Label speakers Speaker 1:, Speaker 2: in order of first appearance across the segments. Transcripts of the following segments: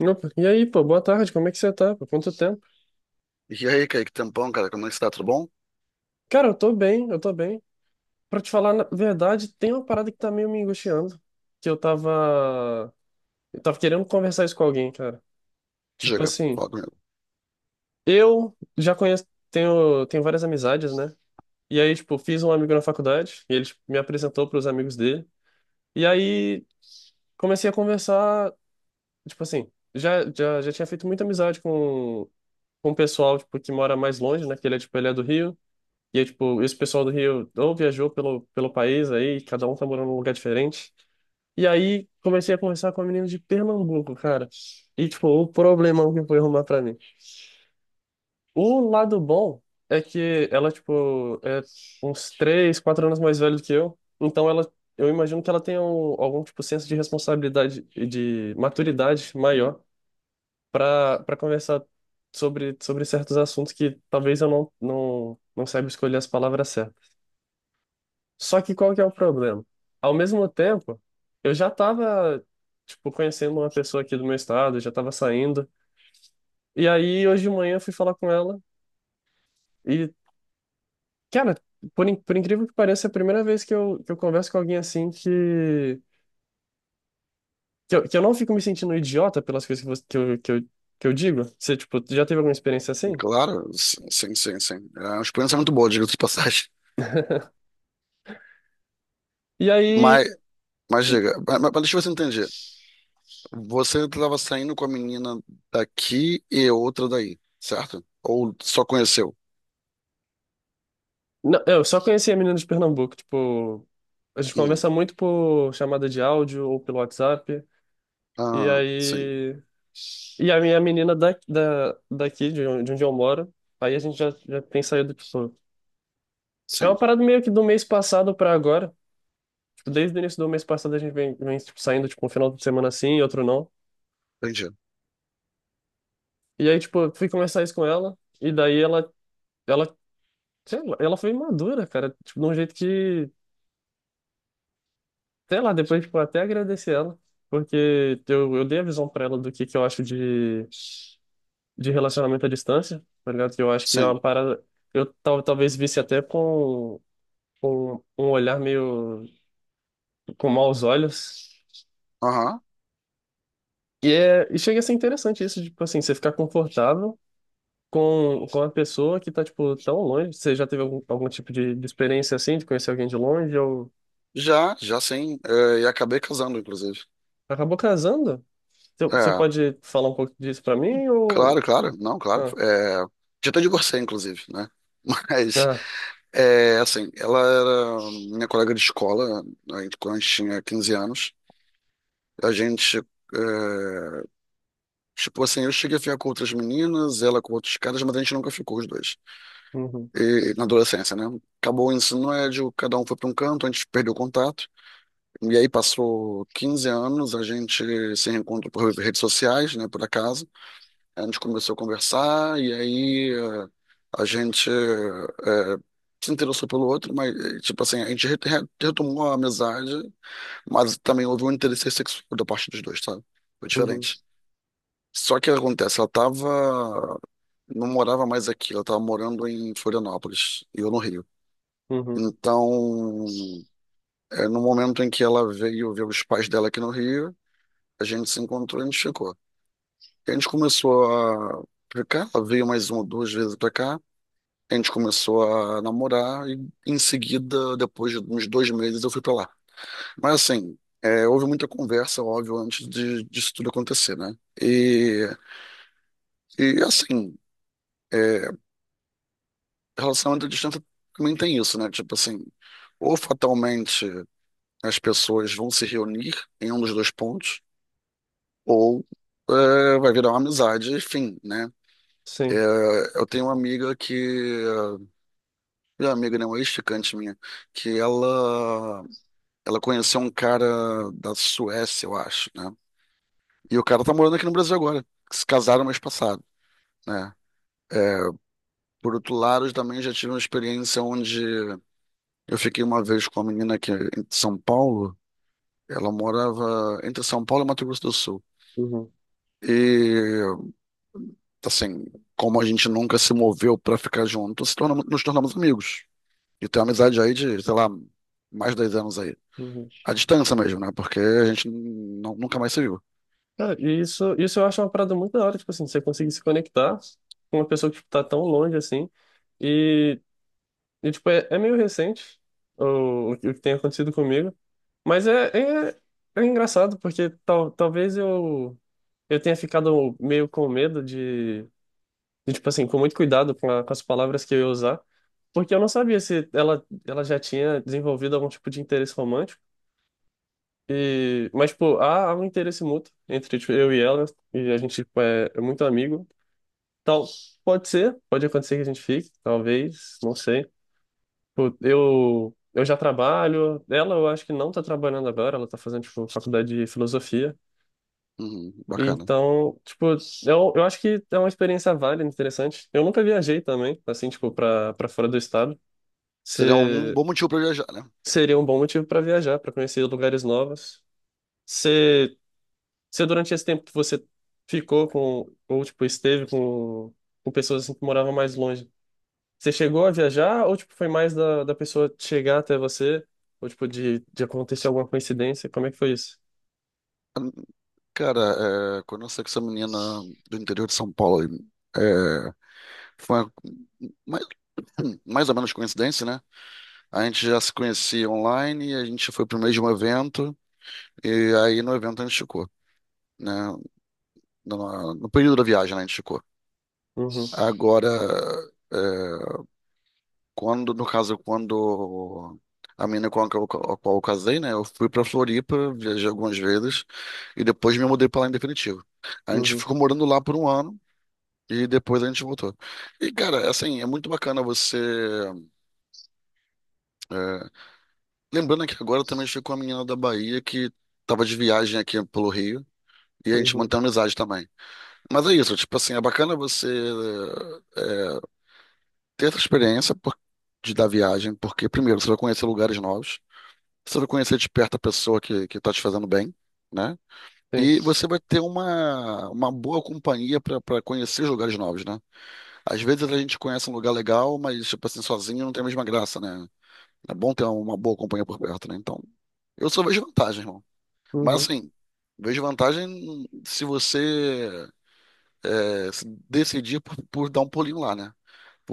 Speaker 1: Opa, e aí, pô, boa tarde, como é que você tá? Por quanto tempo?
Speaker 2: E aí, Kaique, tempão, cara, como é que você tá? Tudo bom?
Speaker 1: Cara, eu tô bem, eu tô bem. Pra te falar na verdade, tem uma parada que tá meio me angustiando, que eu tava querendo conversar isso com alguém, cara. Tipo
Speaker 2: Diga,
Speaker 1: assim,
Speaker 2: fala comigo.
Speaker 1: eu já conheço, tenho várias amizades, né? E aí, tipo, fiz um amigo na faculdade, e ele tipo, me apresentou pros amigos dele. E aí, comecei a conversar, tipo assim, já tinha feito muita amizade com o pessoal, tipo, que mora mais longe, né? Que ele é, tipo, ele é do Rio. E aí, tipo, esse pessoal do Rio ou viajou pelo país aí, cada um tá morando num lugar diferente. E aí comecei a conversar com a menina de Pernambuco, cara. E, tipo, o problemão que foi arrumar pra mim. O lado bom é que ela, tipo, é uns 3, 4 anos mais velha do que eu. Então ela, eu imagino que ela tenha algum tipo senso de responsabilidade e de maturidade maior pra para conversar sobre certos assuntos que talvez eu não saiba escolher as palavras certas. Só que qual que é o problema? Ao mesmo tempo, eu já tava, tipo, conhecendo uma pessoa aqui do meu estado, já tava saindo. E aí, hoje de manhã, eu fui falar com ela. E, cara, por incrível que pareça, é a primeira vez que eu converso com alguém assim que eu não fico me sentindo idiota pelas coisas que, você- que, eu, que, eu, que eu digo. Você, tipo, já teve alguma experiência assim?
Speaker 2: Claro, sim, sim, sim. Sim. É uma experiência é muito boa, diga-se de passagem.
Speaker 1: E aí,
Speaker 2: Mas, mas
Speaker 1: e-
Speaker 2: diga, mas deixa eu ver se eu entendi. Você estava saindo com a menina daqui e outra daí, certo? Ou só conheceu?
Speaker 1: não, eu só conheci a menina de Pernambuco, tipo, a gente
Speaker 2: Hum.
Speaker 1: conversa muito por chamada de áudio ou pelo WhatsApp. E
Speaker 2: Ah, sim,
Speaker 1: aí. E a minha menina daqui, de onde eu moro, aí a gente já tem saído com isso. É uma
Speaker 2: sim,
Speaker 1: parada meio que do mês passado pra agora. Tipo, desde o início do mês passado a gente vem tipo, saindo, tipo, um final de semana assim e outro não.
Speaker 2: entendi.
Speaker 1: E aí, tipo, eu fui conversar isso com ela, e daí ela, sei lá, ela foi madura, cara, tipo, de um jeito que, sei lá, depois, tipo, até agradeci ela, porque eu dei a visão pra ela do que eu acho de relacionamento à distância, tá ligado? Que eu acho que é
Speaker 2: Sim,
Speaker 1: uma parada. Eu talvez visse até com um olhar meio com maus olhos.
Speaker 2: aham.
Speaker 1: E chega a ser interessante isso, tipo assim, você ficar confortável com a pessoa que tá, tipo, tão longe. Você já teve algum tipo de experiência assim, de conhecer alguém de longe, ou
Speaker 2: Já, já sim. É, e acabei casando, inclusive.
Speaker 1: acabou casando? Você
Speaker 2: É,
Speaker 1: pode falar um pouco disso pra mim, ou...
Speaker 2: claro, claro, não, claro.
Speaker 1: Ah,
Speaker 2: É, já até divorciei, inclusive, né? Mas.
Speaker 1: ah,
Speaker 2: É, assim, ela era minha colega de escola, aí quando a gente tinha 15 anos. A gente, é, tipo assim, eu cheguei a ficar com outras meninas, ela com outros caras, mas a gente nunca ficou os dois.
Speaker 1: uhum,
Speaker 2: E, na adolescência, né? Acabou o ensino médio, cada um foi para um canto, a gente perdeu o contato. E aí passou 15 anos, a gente se reencontrou por redes sociais, né, por acaso. A gente começou a conversar, e aí é, a gente é, se interessou pelo outro, mas, eh, tipo assim, a gente retomou a amizade. Mas também houve um interesse sexual da parte dos dois, sabe? Foi
Speaker 1: uhum,
Speaker 2: diferente. Só que o que acontece, ela tava, não morava mais aqui, ela tava morando em Florianópolis e eu no Rio.
Speaker 1: uhum,
Speaker 2: Então, é, no momento em que ela veio ver os pais dela aqui no Rio, a gente se encontrou e a gente ficou. E a gente começou a ficar, ela veio mais uma ou duas vezes pra cá, a gente começou a namorar e, em seguida, depois de uns 2 meses, eu fui pra lá. Mas assim, é, houve muita conversa, óbvio, antes de, disso tudo acontecer, né? E, e assim, é, relacionamento à distância também tem isso, né? Tipo assim, ou fatalmente as pessoas vão se reunir em um dos dois pontos, ou é, vai virar uma amizade, enfim, né? É,
Speaker 1: sim,
Speaker 2: eu tenho uma amiga que, minha amiga, né, uma ex-ficante minha, que ela conheceu um cara da Suécia, eu acho, né? E o cara tá morando aqui no Brasil agora, que se casaram mês passado. Né? É, por outro lado, eu também já tive uma experiência onde eu fiquei uma vez com uma menina que é em São Paulo, ela morava entre São Paulo e Mato Grosso do Sul.
Speaker 1: uhum,
Speaker 2: E assim, como a gente nunca se moveu pra ficar junto, se tornamos, nos tornamos amigos. E tem uma amizade aí de, sei lá, mais de 10 anos aí.
Speaker 1: uhum.
Speaker 2: À distância mesmo, né? Porque a gente nunca mais se viu.
Speaker 1: Cara, e isso, eu acho uma parada muito da hora, tipo assim, você conseguir se conectar com uma pessoa que tipo, tá tão longe assim. E, e tipo, é meio recente o que tem acontecido comigo. Mas é, é, é, engraçado, porque talvez eu tenha ficado meio com medo de, tipo assim, com muito cuidado com as palavras que eu ia usar. Porque eu não sabia se ela já tinha desenvolvido algum tipo de interesse romântico. E, mas, tipo, há um interesse mútuo entre, tipo, eu e ela, e a gente, tipo, é muito amigo. Tal, pode ser, pode acontecer que a gente fique, talvez, não sei. Tipo, eu já trabalho, ela eu acho que não tá trabalhando agora, ela tá fazendo, tipo, faculdade de filosofia.
Speaker 2: Uhum,
Speaker 1: E
Speaker 2: bacana.
Speaker 1: então, tipo, eu acho que é uma experiência válida, interessante. Eu nunca viajei também, assim, tipo, pra fora do estado.
Speaker 2: Seria um
Speaker 1: Se,
Speaker 2: bom motivo pra viajar, né?
Speaker 1: seria um bom motivo pra viajar, pra conhecer lugares novos. Você Você, durante esse tempo que você ficou ou, tipo, esteve com pessoas assim que moravam mais longe, você chegou a viajar ou, tipo, foi mais da pessoa chegar até você? Ou, tipo, de acontecer alguma coincidência? Como é que foi isso?
Speaker 2: Cara, é, quando eu saí com essa menina do interior de São Paulo, foi mais, mais ou menos coincidência, né? A gente já se conhecia online, a gente foi pro mesmo evento, e aí no evento a gente ficou, né? No período da viagem, né, a gente ficou.
Speaker 1: Uhum,
Speaker 2: Agora, é, quando, no caso, quando a menina com a qual eu casei, né? Eu fui pra Floripa, viajei algumas vezes, e depois me mudei pra lá em definitivo. A gente
Speaker 1: uhum,
Speaker 2: ficou morando lá por um ano, e depois a gente voltou. E, cara, assim, é muito bacana você é, lembrando que agora eu também estive com uma menina da Bahia que tava de viagem aqui pelo Rio e a gente
Speaker 1: uhum,
Speaker 2: mantém amizade também. Mas é isso, tipo assim, é bacana você é, ter essa experiência de da viagem, porque primeiro você vai conhecer lugares novos, você vai conhecer de perto a pessoa que tá te fazendo bem, né?
Speaker 1: tem.
Speaker 2: E você vai ter uma boa companhia para conhecer lugares novos, né? Às vezes a gente conhece um lugar legal, mas tipo assim, sozinho não tem a mesma graça, né? É bom ter uma boa companhia por perto, né? Então, eu só vejo vantagem, irmão. Mas
Speaker 1: Uhum,
Speaker 2: assim, vejo vantagem se você é, se decidir por dar um pulinho lá, né?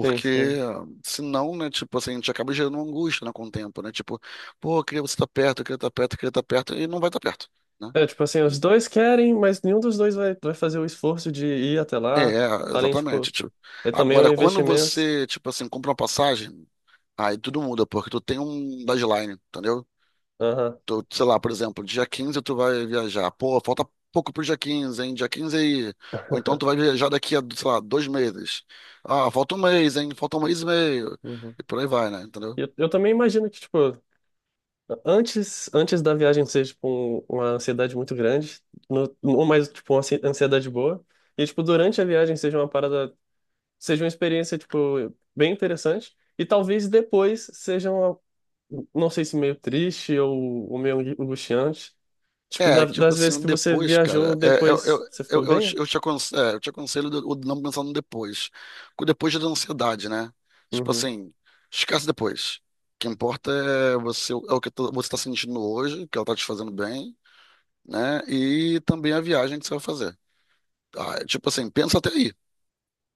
Speaker 1: tem, sim.
Speaker 2: senão, né, tipo assim, a gente acaba gerando uma angústia, né, com o tempo, né? Tipo, pô, eu queria você estar perto, eu queria estar perto, eu queria estar perto, e não vai estar perto, né?
Speaker 1: É, tipo assim, os dois querem, mas nenhum dos dois vai fazer o esforço de ir até
Speaker 2: É,
Speaker 1: lá.
Speaker 2: é,
Speaker 1: Além,
Speaker 2: exatamente,
Speaker 1: tipo,
Speaker 2: tipo.
Speaker 1: é também um
Speaker 2: Agora, quando
Speaker 1: investimento.
Speaker 2: você, tipo assim, compra uma passagem, aí tudo muda, porque tu tem um deadline, entendeu?
Speaker 1: Aham,
Speaker 2: Tu, sei lá, por exemplo, dia 15 tu vai viajar. Pô, falta pouco pro dia 15, hein? Dia 15 aí. Ou então tu vai viajar daqui a, sei lá, 2 meses. Ah, falta um mês, hein? Falta um mês e meio.
Speaker 1: uhum.
Speaker 2: E por aí vai, né? Entendeu?
Speaker 1: E eu também imagino que, tipo, Antes da viagem ser, tipo, uma ansiedade muito grande, no, ou mais, tipo, uma ansiedade boa, e, tipo, durante a viagem seja uma parada, seja uma experiência, tipo, bem interessante, e talvez depois seja uma, não sei se meio triste ou meio angustiante, tipo,
Speaker 2: É, tipo
Speaker 1: das vezes
Speaker 2: assim,
Speaker 1: que você
Speaker 2: depois,
Speaker 1: viajou,
Speaker 2: cara, é,
Speaker 1: depois você ficou
Speaker 2: eu te
Speaker 1: bem?
Speaker 2: eu te eu te aconselho, de- o de não pensar no depois. Porque o depois já dá ansiedade, né? Tipo
Speaker 1: Uhum,
Speaker 2: assim, esquece depois. O que importa é você, é o que você tá sentindo hoje, que ela tá te fazendo bem, né? E também a viagem que você vai fazer. Ah, é tipo assim, pensa até aí.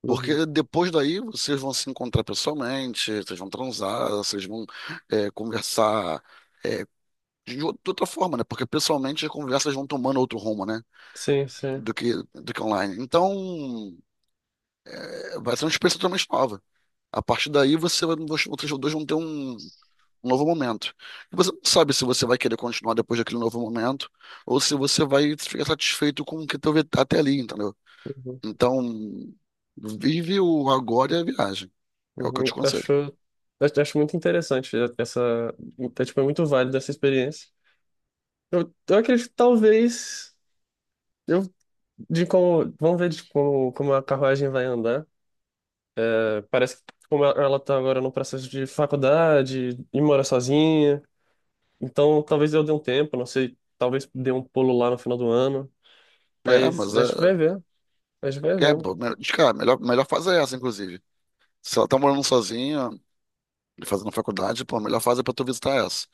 Speaker 1: uhum.
Speaker 2: Porque depois daí vocês vão se encontrar pessoalmente, vocês vão transar, vocês vão é, conversar é, de de outra forma, né? Porque pessoalmente as conversas vão tomando outro rumo, né?
Speaker 1: Sim, sim.
Speaker 2: Do que online. Então, é, vai ser uma experiência totalmente nova. A partir daí, você, vocês dois vão ter um, um novo momento. E você não sabe se você vai querer continuar depois daquele novo momento, ou se você vai ficar satisfeito com o que teve até ali, entendeu?
Speaker 1: Uhum,
Speaker 2: Então, vive o agora e a viagem. É o que eu
Speaker 1: uhum.
Speaker 2: te aconselho.
Speaker 1: Acho muito interessante essa, é, tipo, é muito válida essa experiência. Eu acredito que talvez eu de como vamos ver de como a carruagem vai andar. É, parece que como ela tá agora no processo de faculdade e mora sozinha, então talvez eu dê um tempo, não sei, talvez dê um pulo lá no final do ano,
Speaker 2: É,
Speaker 1: mas
Speaker 2: mas
Speaker 1: a gente vai
Speaker 2: é.
Speaker 1: ver, a gente vai
Speaker 2: É,
Speaker 1: vendo.
Speaker 2: pô, de cara, melhor, melhor fase é essa, inclusive. Se ela tá morando sozinha e fazendo faculdade, pô, a melhor fase é pra tu visitar essa.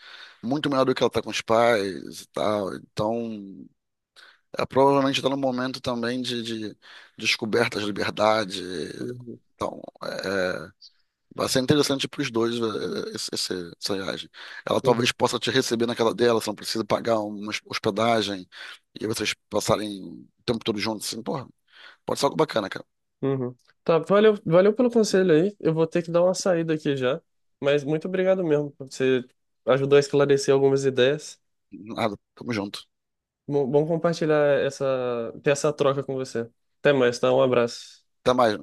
Speaker 2: Muito melhor do que ela tá com os pais e tal. Então, é, provavelmente tá num momento também de descoberta de liberdade.
Speaker 1: Uhum,
Speaker 2: Então, é, vai ser interessante para os dois, eh, essa viagem. Ela talvez
Speaker 1: uhum,
Speaker 2: possa te receber na casa dela, você não precisa pagar uma hospedagem e vocês passarem o tempo todo juntos. Assim, porra, pode ser algo bacana, cara.
Speaker 1: uhum. Tá, valeu, valeu pelo conselho aí. Eu vou ter que dar uma saída aqui já, mas muito obrigado mesmo, você ajudou a esclarecer algumas ideias.
Speaker 2: Nada, tamo junto.
Speaker 1: Bom compartilhar essa, ter essa troca com você. Até mais, tá? Um abraço.
Speaker 2: Até mais.